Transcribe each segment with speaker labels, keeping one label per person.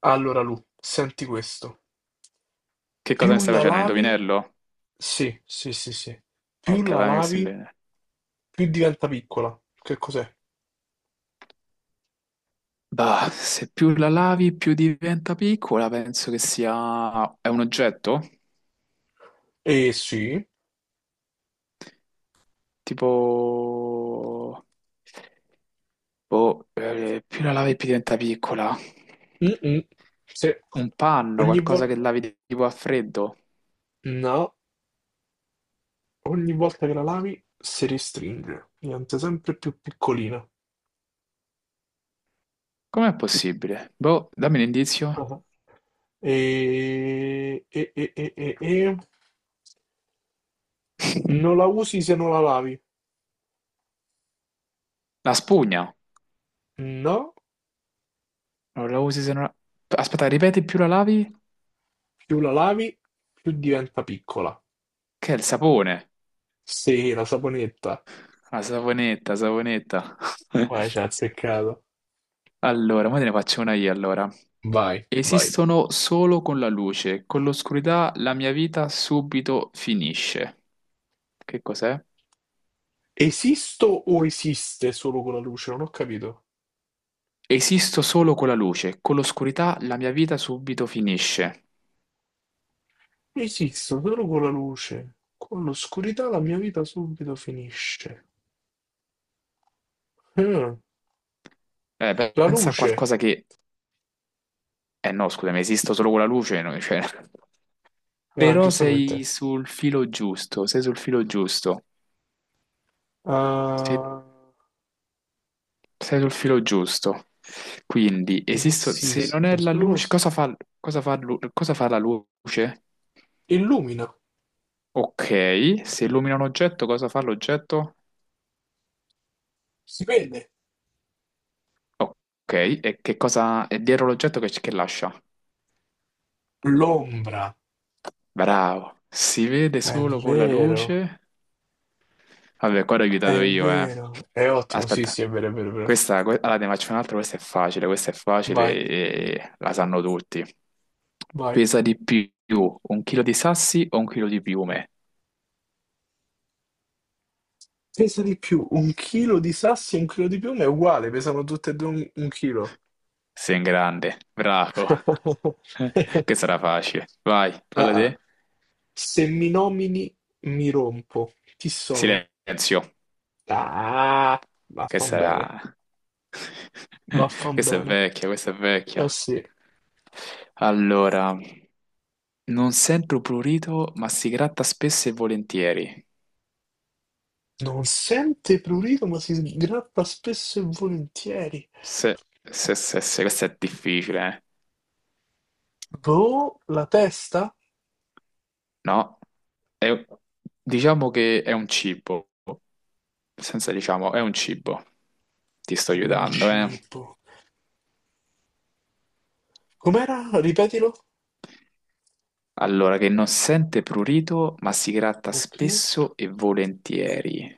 Speaker 1: Allora Lu, senti questo.
Speaker 2: Che cosa mi
Speaker 1: Più
Speaker 2: stai
Speaker 1: la
Speaker 2: facendo? Un
Speaker 1: lavi,
Speaker 2: indovinello?
Speaker 1: sì, sì, sì, sì. Più
Speaker 2: Ok,
Speaker 1: la
Speaker 2: fammi questo
Speaker 1: lavi,
Speaker 2: indovinello.
Speaker 1: più diventa piccola. Che cos'è?
Speaker 2: Bah, se più la lavi, più diventa piccola, penso che sia... È un oggetto?
Speaker 1: Eh sì.
Speaker 2: Tipo... Boh, più la lavi, più diventa piccola.
Speaker 1: Mm-mm. Se
Speaker 2: Un panno,
Speaker 1: ogni
Speaker 2: qualcosa che
Speaker 1: volta...
Speaker 2: lavi tipo a freddo.
Speaker 1: No, ogni volta che la lavi si restringe. Diventa sempre più piccolina.
Speaker 2: Com'è possibile? Boh, dammi un indizio.
Speaker 1: Ah. E... E, e, e, e, e... Non la usi se non la lavi.
Speaker 2: La spugna.
Speaker 1: No,
Speaker 2: Non la usi se non... la- Aspetta, ripeti, più la lavi?
Speaker 1: più la lavi, più diventa piccola.
Speaker 2: Che è il sapone.
Speaker 1: Sì, la saponetta.
Speaker 2: La saponetta, saponetta.
Speaker 1: Vai, ci ha azzeccato.
Speaker 2: Allora, ora te ne faccio una io allora.
Speaker 1: Vai, vai.
Speaker 2: Esistono solo con la luce, con l'oscurità la mia vita subito finisce. Che cos'è?
Speaker 1: Esisto o esiste solo con la luce? Non ho capito.
Speaker 2: Esisto solo con la luce, con l'oscurità la mia vita subito finisce.
Speaker 1: Esisto solo con la luce. Con l'oscurità la mia vita subito finisce. Eh,
Speaker 2: Beh,
Speaker 1: la
Speaker 2: pensa a
Speaker 1: luce.
Speaker 2: qualcosa che... Eh no, scusami, esisto solo con la luce, no, cioè...
Speaker 1: Ah,
Speaker 2: Però
Speaker 1: giustamente.
Speaker 2: sei sul filo giusto, sei sul filo giusto. Se-
Speaker 1: Ah,
Speaker 2: Sei sul filo giusto. Quindi, esisto... Se non è
Speaker 1: esisto
Speaker 2: la
Speaker 1: solo...
Speaker 2: luce, cosa fa la luce?
Speaker 1: Illumina.
Speaker 2: Ok, se illumina un oggetto, cosa fa l'oggetto?
Speaker 1: Si vede.
Speaker 2: Ok, e che cosa è dietro l'oggetto che lascia?
Speaker 1: L'ombra.
Speaker 2: Bravo, si vede
Speaker 1: È
Speaker 2: solo con la
Speaker 1: vero.
Speaker 2: luce. Vabbè, qua l'ho aiutato
Speaker 1: È
Speaker 2: io, eh.
Speaker 1: vero. È ottimo. Sì,
Speaker 2: Aspetta,
Speaker 1: sì, è vero, è vero, è vero.
Speaker 2: questa, que- allora, ne faccio un'altra, questa è facile
Speaker 1: Vai,
Speaker 2: e la sanno tutti.
Speaker 1: vai.
Speaker 2: Pesa di più un chilo di sassi o un chilo di piume?
Speaker 1: Pesa di più un chilo di sassi e un chilo di piume è uguale, pesano tutte e due un chilo.
Speaker 2: Sei in grande, bravo. Questa era facile. Vai,
Speaker 1: Ah,
Speaker 2: falla
Speaker 1: ah.
Speaker 2: te.
Speaker 1: Se mi nomini, mi rompo. Chi sono?
Speaker 2: Silenzio.
Speaker 1: Ah,
Speaker 2: Questa
Speaker 1: vaffan bene,
Speaker 2: era...
Speaker 1: vaffan
Speaker 2: Questa è
Speaker 1: bene.
Speaker 2: vecchia, questa è vecchia.
Speaker 1: Eh sì.
Speaker 2: Allora, non sento prurito, ma si gratta spesso e volentieri.
Speaker 1: Non sente prurito, ma si sgrappa spesso e volentieri.
Speaker 2: Se, se, questa è difficile, eh.
Speaker 1: Boh, la testa
Speaker 2: No? È- diciamo che è un cibo. Senza diciamo, è un cibo. Ti sto
Speaker 1: è un
Speaker 2: aiutando, eh.
Speaker 1: cibo. Com'era? Ripetilo.
Speaker 2: Allora, che non sente prurito, ma si gratta
Speaker 1: Ok.
Speaker 2: spesso e volentieri.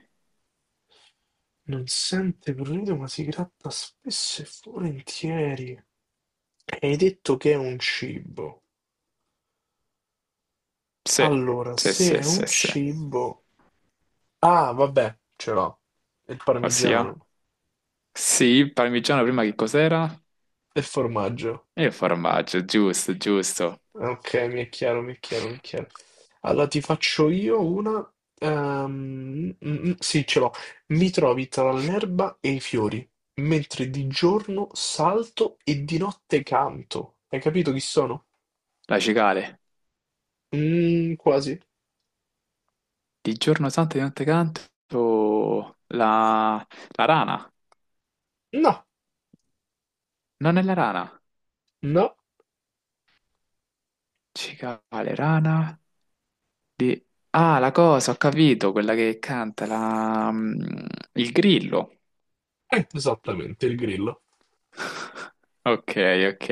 Speaker 1: Non sente prurito, ma si gratta spesso e volentieri. Hai detto che è un cibo.
Speaker 2: Sì,
Speaker 1: Allora,
Speaker 2: sì,
Speaker 1: se
Speaker 2: sì,
Speaker 1: è
Speaker 2: sì,
Speaker 1: un
Speaker 2: sì.
Speaker 1: cibo... Ah, vabbè, ce l'ho. Il
Speaker 2: Ossia?
Speaker 1: parmigiano.
Speaker 2: Sì, parmigiano prima che cos'era?
Speaker 1: Il formaggio.
Speaker 2: E il formaggio, giusto, giusto.
Speaker 1: Ok, mi è chiaro, mi è chiaro, mi è chiaro. Allora, ti faccio io una... Sì, ce l'ho. Mi trovi tra l'erba e i fiori, mentre di giorno salto e di notte canto. Hai capito chi sono?
Speaker 2: La cicale.
Speaker 1: Quasi.
Speaker 2: Di giorno santo e di notte canto la, la rana.
Speaker 1: No.
Speaker 2: Non è la rana.
Speaker 1: No,
Speaker 2: Cicale, rana. Di... Ah, la cosa, ho capito, quella che canta, la... mm, il grillo.
Speaker 1: esattamente, il grillo.
Speaker 2: Ok, ok.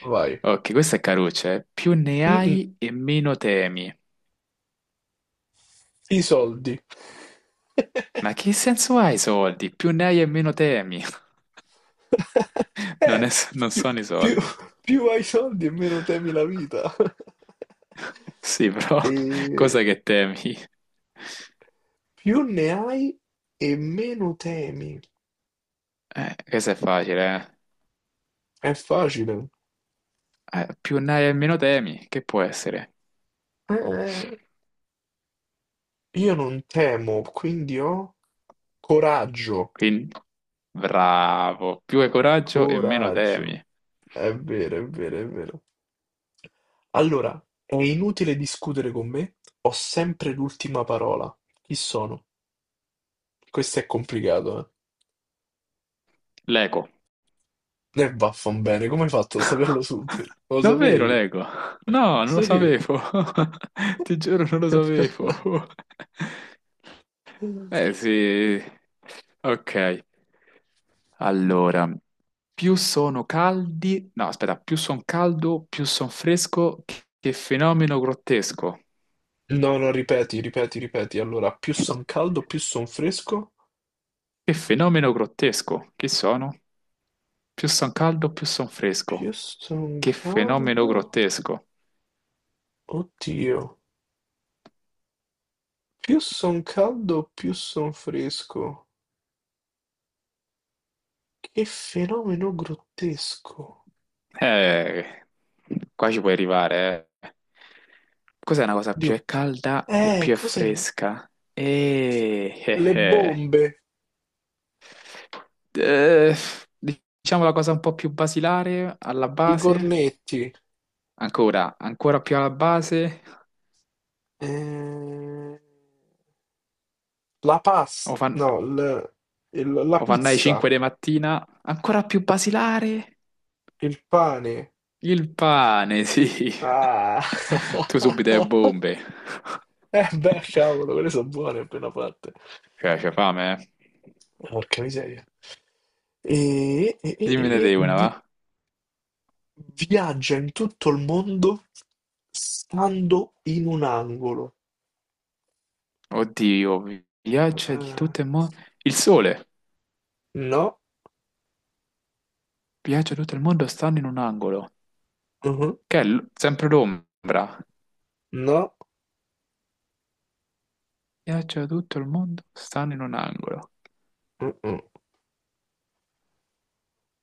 Speaker 1: Vai.
Speaker 2: Ok, questa è caruccia, eh. Più ne
Speaker 1: Mm-mm,
Speaker 2: hai e meno temi.
Speaker 1: i soldi.
Speaker 2: Ma che senso ha i soldi? Più ne hai e meno temi. Non,
Speaker 1: Eh,
Speaker 2: è- non
Speaker 1: più,
Speaker 2: sono i
Speaker 1: più-
Speaker 2: soldi.
Speaker 1: più hai soldi e meno temi la vita.
Speaker 2: Sì, però
Speaker 1: E
Speaker 2: cosa che temi?
Speaker 1: più ne hai e meno temi.
Speaker 2: Questo è facile, eh.
Speaker 1: È facile.
Speaker 2: Più ne hai e meno temi, che può essere?
Speaker 1: Eh, io non temo, quindi ho coraggio.
Speaker 2: Quindi, bravo, più hai coraggio e meno
Speaker 1: Coraggio.
Speaker 2: temi.
Speaker 1: È vero, è vero, è vero. Allora, è inutile discutere con me, ho sempre l'ultima parola. Chi sono? Questo è complicato,
Speaker 2: L'eco.
Speaker 1: eh. E vaffanbene, come hai fatto a saperlo subito? Lo
Speaker 2: Davvero
Speaker 1: sapevi?
Speaker 2: l'eco? No, non lo
Speaker 1: Sì.
Speaker 2: sapevo. Ti giuro, non lo sapevo. Eh sì. Ok, allora. Più sono caldi, no, aspetta, più son caldo, più son fresco. Che fenomeno grottesco.
Speaker 1: No, no, ripeti, ripeti, ripeti. Allora, più son caldo, più son fresco.
Speaker 2: Che fenomeno grottesco. Che sono? Più son caldo, più son fresco.
Speaker 1: Più son
Speaker 2: Che fenomeno
Speaker 1: caldo?
Speaker 2: grottesco.
Speaker 1: Oddio. Più son caldo, più son fresco. Che fenomeno grottesco.
Speaker 2: Eh, qua ci puoi arrivare, eh. Cos'è una cosa più
Speaker 1: Dio.
Speaker 2: è calda e
Speaker 1: Eh,
Speaker 2: più è
Speaker 1: cos'erano?
Speaker 2: fresca?
Speaker 1: Le
Speaker 2: Eh.
Speaker 1: bombe,
Speaker 2: Eh, diciamo la cosa un po' più basilare alla
Speaker 1: i
Speaker 2: base.
Speaker 1: cornetti.
Speaker 2: Ancora, ancora più alla base,
Speaker 1: Eh, la pasta,
Speaker 2: o fan,
Speaker 1: no, la
Speaker 2: o fanno alle 5
Speaker 1: pizza,
Speaker 2: di mattina, ancora più basilare,
Speaker 1: il pane.
Speaker 2: il pane, sì.
Speaker 1: Ah.
Speaker 2: Tu subito le bombe.
Speaker 1: Eh beh, cavolo, quelle sono buone appena fatte.
Speaker 2: Cioè, c'è fame, eh?
Speaker 1: Porca miseria. E, e- e- e-
Speaker 2: Dimmene
Speaker 1: e
Speaker 2: te una,
Speaker 1: vi-
Speaker 2: va?
Speaker 1: viaggia in tutto il mondo stando in un angolo.
Speaker 2: Oddio, viaggia di
Speaker 1: Eh,
Speaker 2: tutto il mondo. Il sole,
Speaker 1: no,
Speaker 2: viaggia di tutto il mondo, stanno in un angolo.
Speaker 1: mhm,
Speaker 2: Che è l- sempre l'ombra.
Speaker 1: no,
Speaker 2: Viaggia di tutto il mondo, stanno in un angolo.
Speaker 1: mm, mm.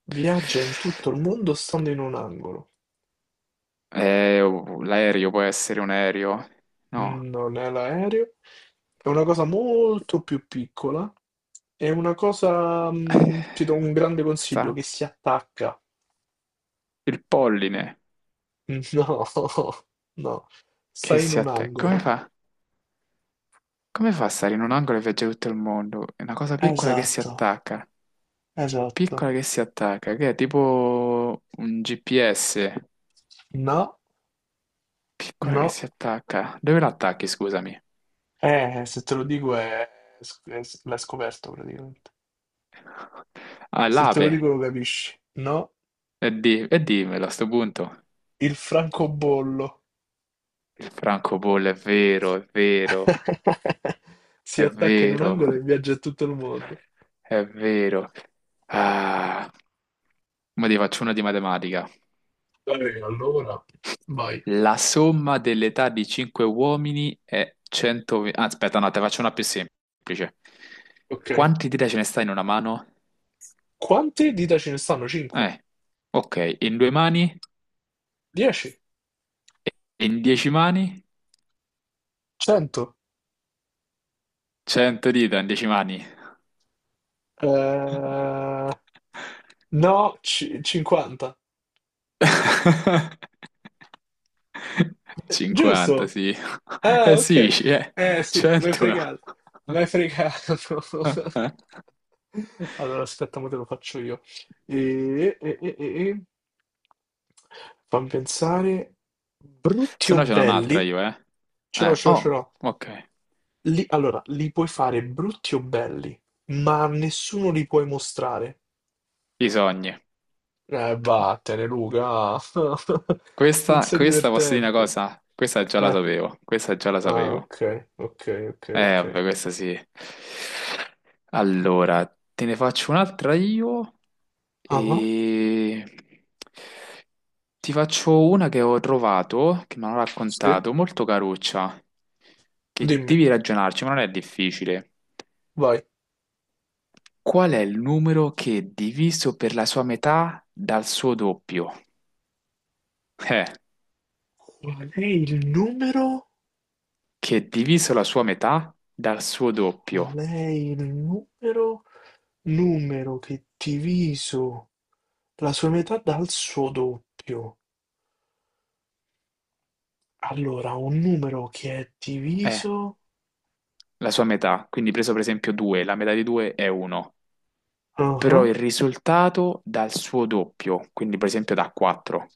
Speaker 1: Viaggia in tutto il mondo stando in un angolo.
Speaker 2: Oh, l'aereo può essere un aereo? No.
Speaker 1: Non è l'aereo. È una cosa molto più piccola, è una cosa,
Speaker 2: Eh,
Speaker 1: ti do un grande consiglio,
Speaker 2: sta
Speaker 1: che si attacca.
Speaker 2: il polline
Speaker 1: No, no,
Speaker 2: che
Speaker 1: stai in
Speaker 2: si
Speaker 1: un
Speaker 2: attacca. Come
Speaker 1: angolo.
Speaker 2: fa? Come fa a stare in un angolo e viaggiare tutto il mondo? È una cosa piccola che si
Speaker 1: Esatto,
Speaker 2: attacca.
Speaker 1: esatto.
Speaker 2: Piccola che si attacca, che è tipo un GPS.
Speaker 1: No,
Speaker 2: Piccola che
Speaker 1: no.
Speaker 2: si attacca. Dove l'attacchi, scusami?
Speaker 1: Se te lo dico l'hai scoperto praticamente.
Speaker 2: Ah,
Speaker 1: Se te lo
Speaker 2: l'ape.
Speaker 1: dico lo capisci. No,
Speaker 2: E, di- e dimmelo a sto punto.
Speaker 1: il francobollo.
Speaker 2: Il francobollo è vero, è vero,
Speaker 1: Si
Speaker 2: è
Speaker 1: attacca in un
Speaker 2: vero,
Speaker 1: angolo e viaggia in tutto il mondo.
Speaker 2: è vero. Ah, ma ti faccio una di matematica.
Speaker 1: Vabbè, allora vai.
Speaker 2: La somma dell'età di 5 uomini è 120... Ah, aspetta, no, te faccio una più semplice.
Speaker 1: Ok.
Speaker 2: Quanti dita ce ne sta in una mano?
Speaker 1: Quante dita ce ne stanno? 5?
Speaker 2: Eh, ok, in due mani,
Speaker 1: 10?
Speaker 2: e in 10 mani,
Speaker 1: 100?
Speaker 2: 100 dita in 10 mani.
Speaker 1: Eh, no, 50.
Speaker 2: 50,
Speaker 1: Giusto?
Speaker 2: sì.
Speaker 1: Ah,
Speaker 2: Eh sì,
Speaker 1: ok. Eh sì, mi hai
Speaker 2: 100.
Speaker 1: fregato. Mi hai fregato. Allora, aspetta, ma te lo faccio io. E, e, e, e, e. Fammi pensare. Brutti
Speaker 2: Se
Speaker 1: o
Speaker 2: no ce n'ho un'altra
Speaker 1: belli?
Speaker 2: io, eh.
Speaker 1: Ce l'ho, ce l'ho, ce
Speaker 2: Oh,
Speaker 1: l'ho.
Speaker 2: ok.
Speaker 1: Allora, li puoi fare brutti o belli, ma a nessuno li puoi mostrare.
Speaker 2: I sogni.
Speaker 1: Vattene, Luca. Non
Speaker 2: Questa,
Speaker 1: sei
Speaker 2: questa posso dire una
Speaker 1: divertente.
Speaker 2: cosa? Questa già la
Speaker 1: Eh,
Speaker 2: sapevo, questa già la
Speaker 1: ah,
Speaker 2: sapevo.
Speaker 1: ok, ok, ok, ok.
Speaker 2: Vabbè, questa sì. Allora, te ne faccio un'altra io
Speaker 1: Ah, ah,
Speaker 2: e ti faccio una che ho trovato, che mi hanno
Speaker 1: sì,
Speaker 2: raccontato, molto caruccia, che
Speaker 1: dimmi,
Speaker 2: devi ragionarci, ma non è difficile.
Speaker 1: vai.
Speaker 2: Qual è il numero che è diviso per la sua metà dal suo doppio? Eh,
Speaker 1: Qual è il numero?
Speaker 2: che è diviso la sua metà dal suo
Speaker 1: Qual
Speaker 2: doppio.
Speaker 1: è il numero? Numero che diviso la sua metà dal suo doppio. Allora, un numero che è
Speaker 2: È
Speaker 1: diviso...
Speaker 2: la sua metà, quindi preso per esempio 2, la metà di 2 è 1,
Speaker 1: Ah, ah,
Speaker 2: però il risultato dà il suo doppio, quindi per esempio da 4.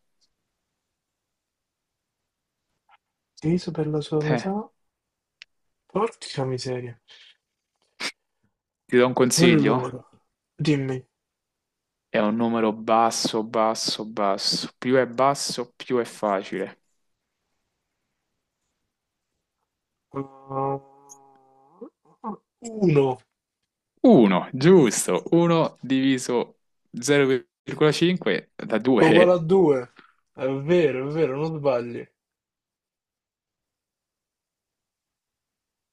Speaker 1: diviso per la sua
Speaker 2: Eh,
Speaker 1: metà? Porca miseria.
Speaker 2: ti do un consiglio?
Speaker 1: Allora, dimmi.
Speaker 2: È un numero basso, basso, basso. Più è basso, più è facile.
Speaker 1: 1
Speaker 2: 1, giusto, 1 diviso 0,5 da
Speaker 1: uguale a
Speaker 2: 2
Speaker 1: 2. È vero, non sbagli.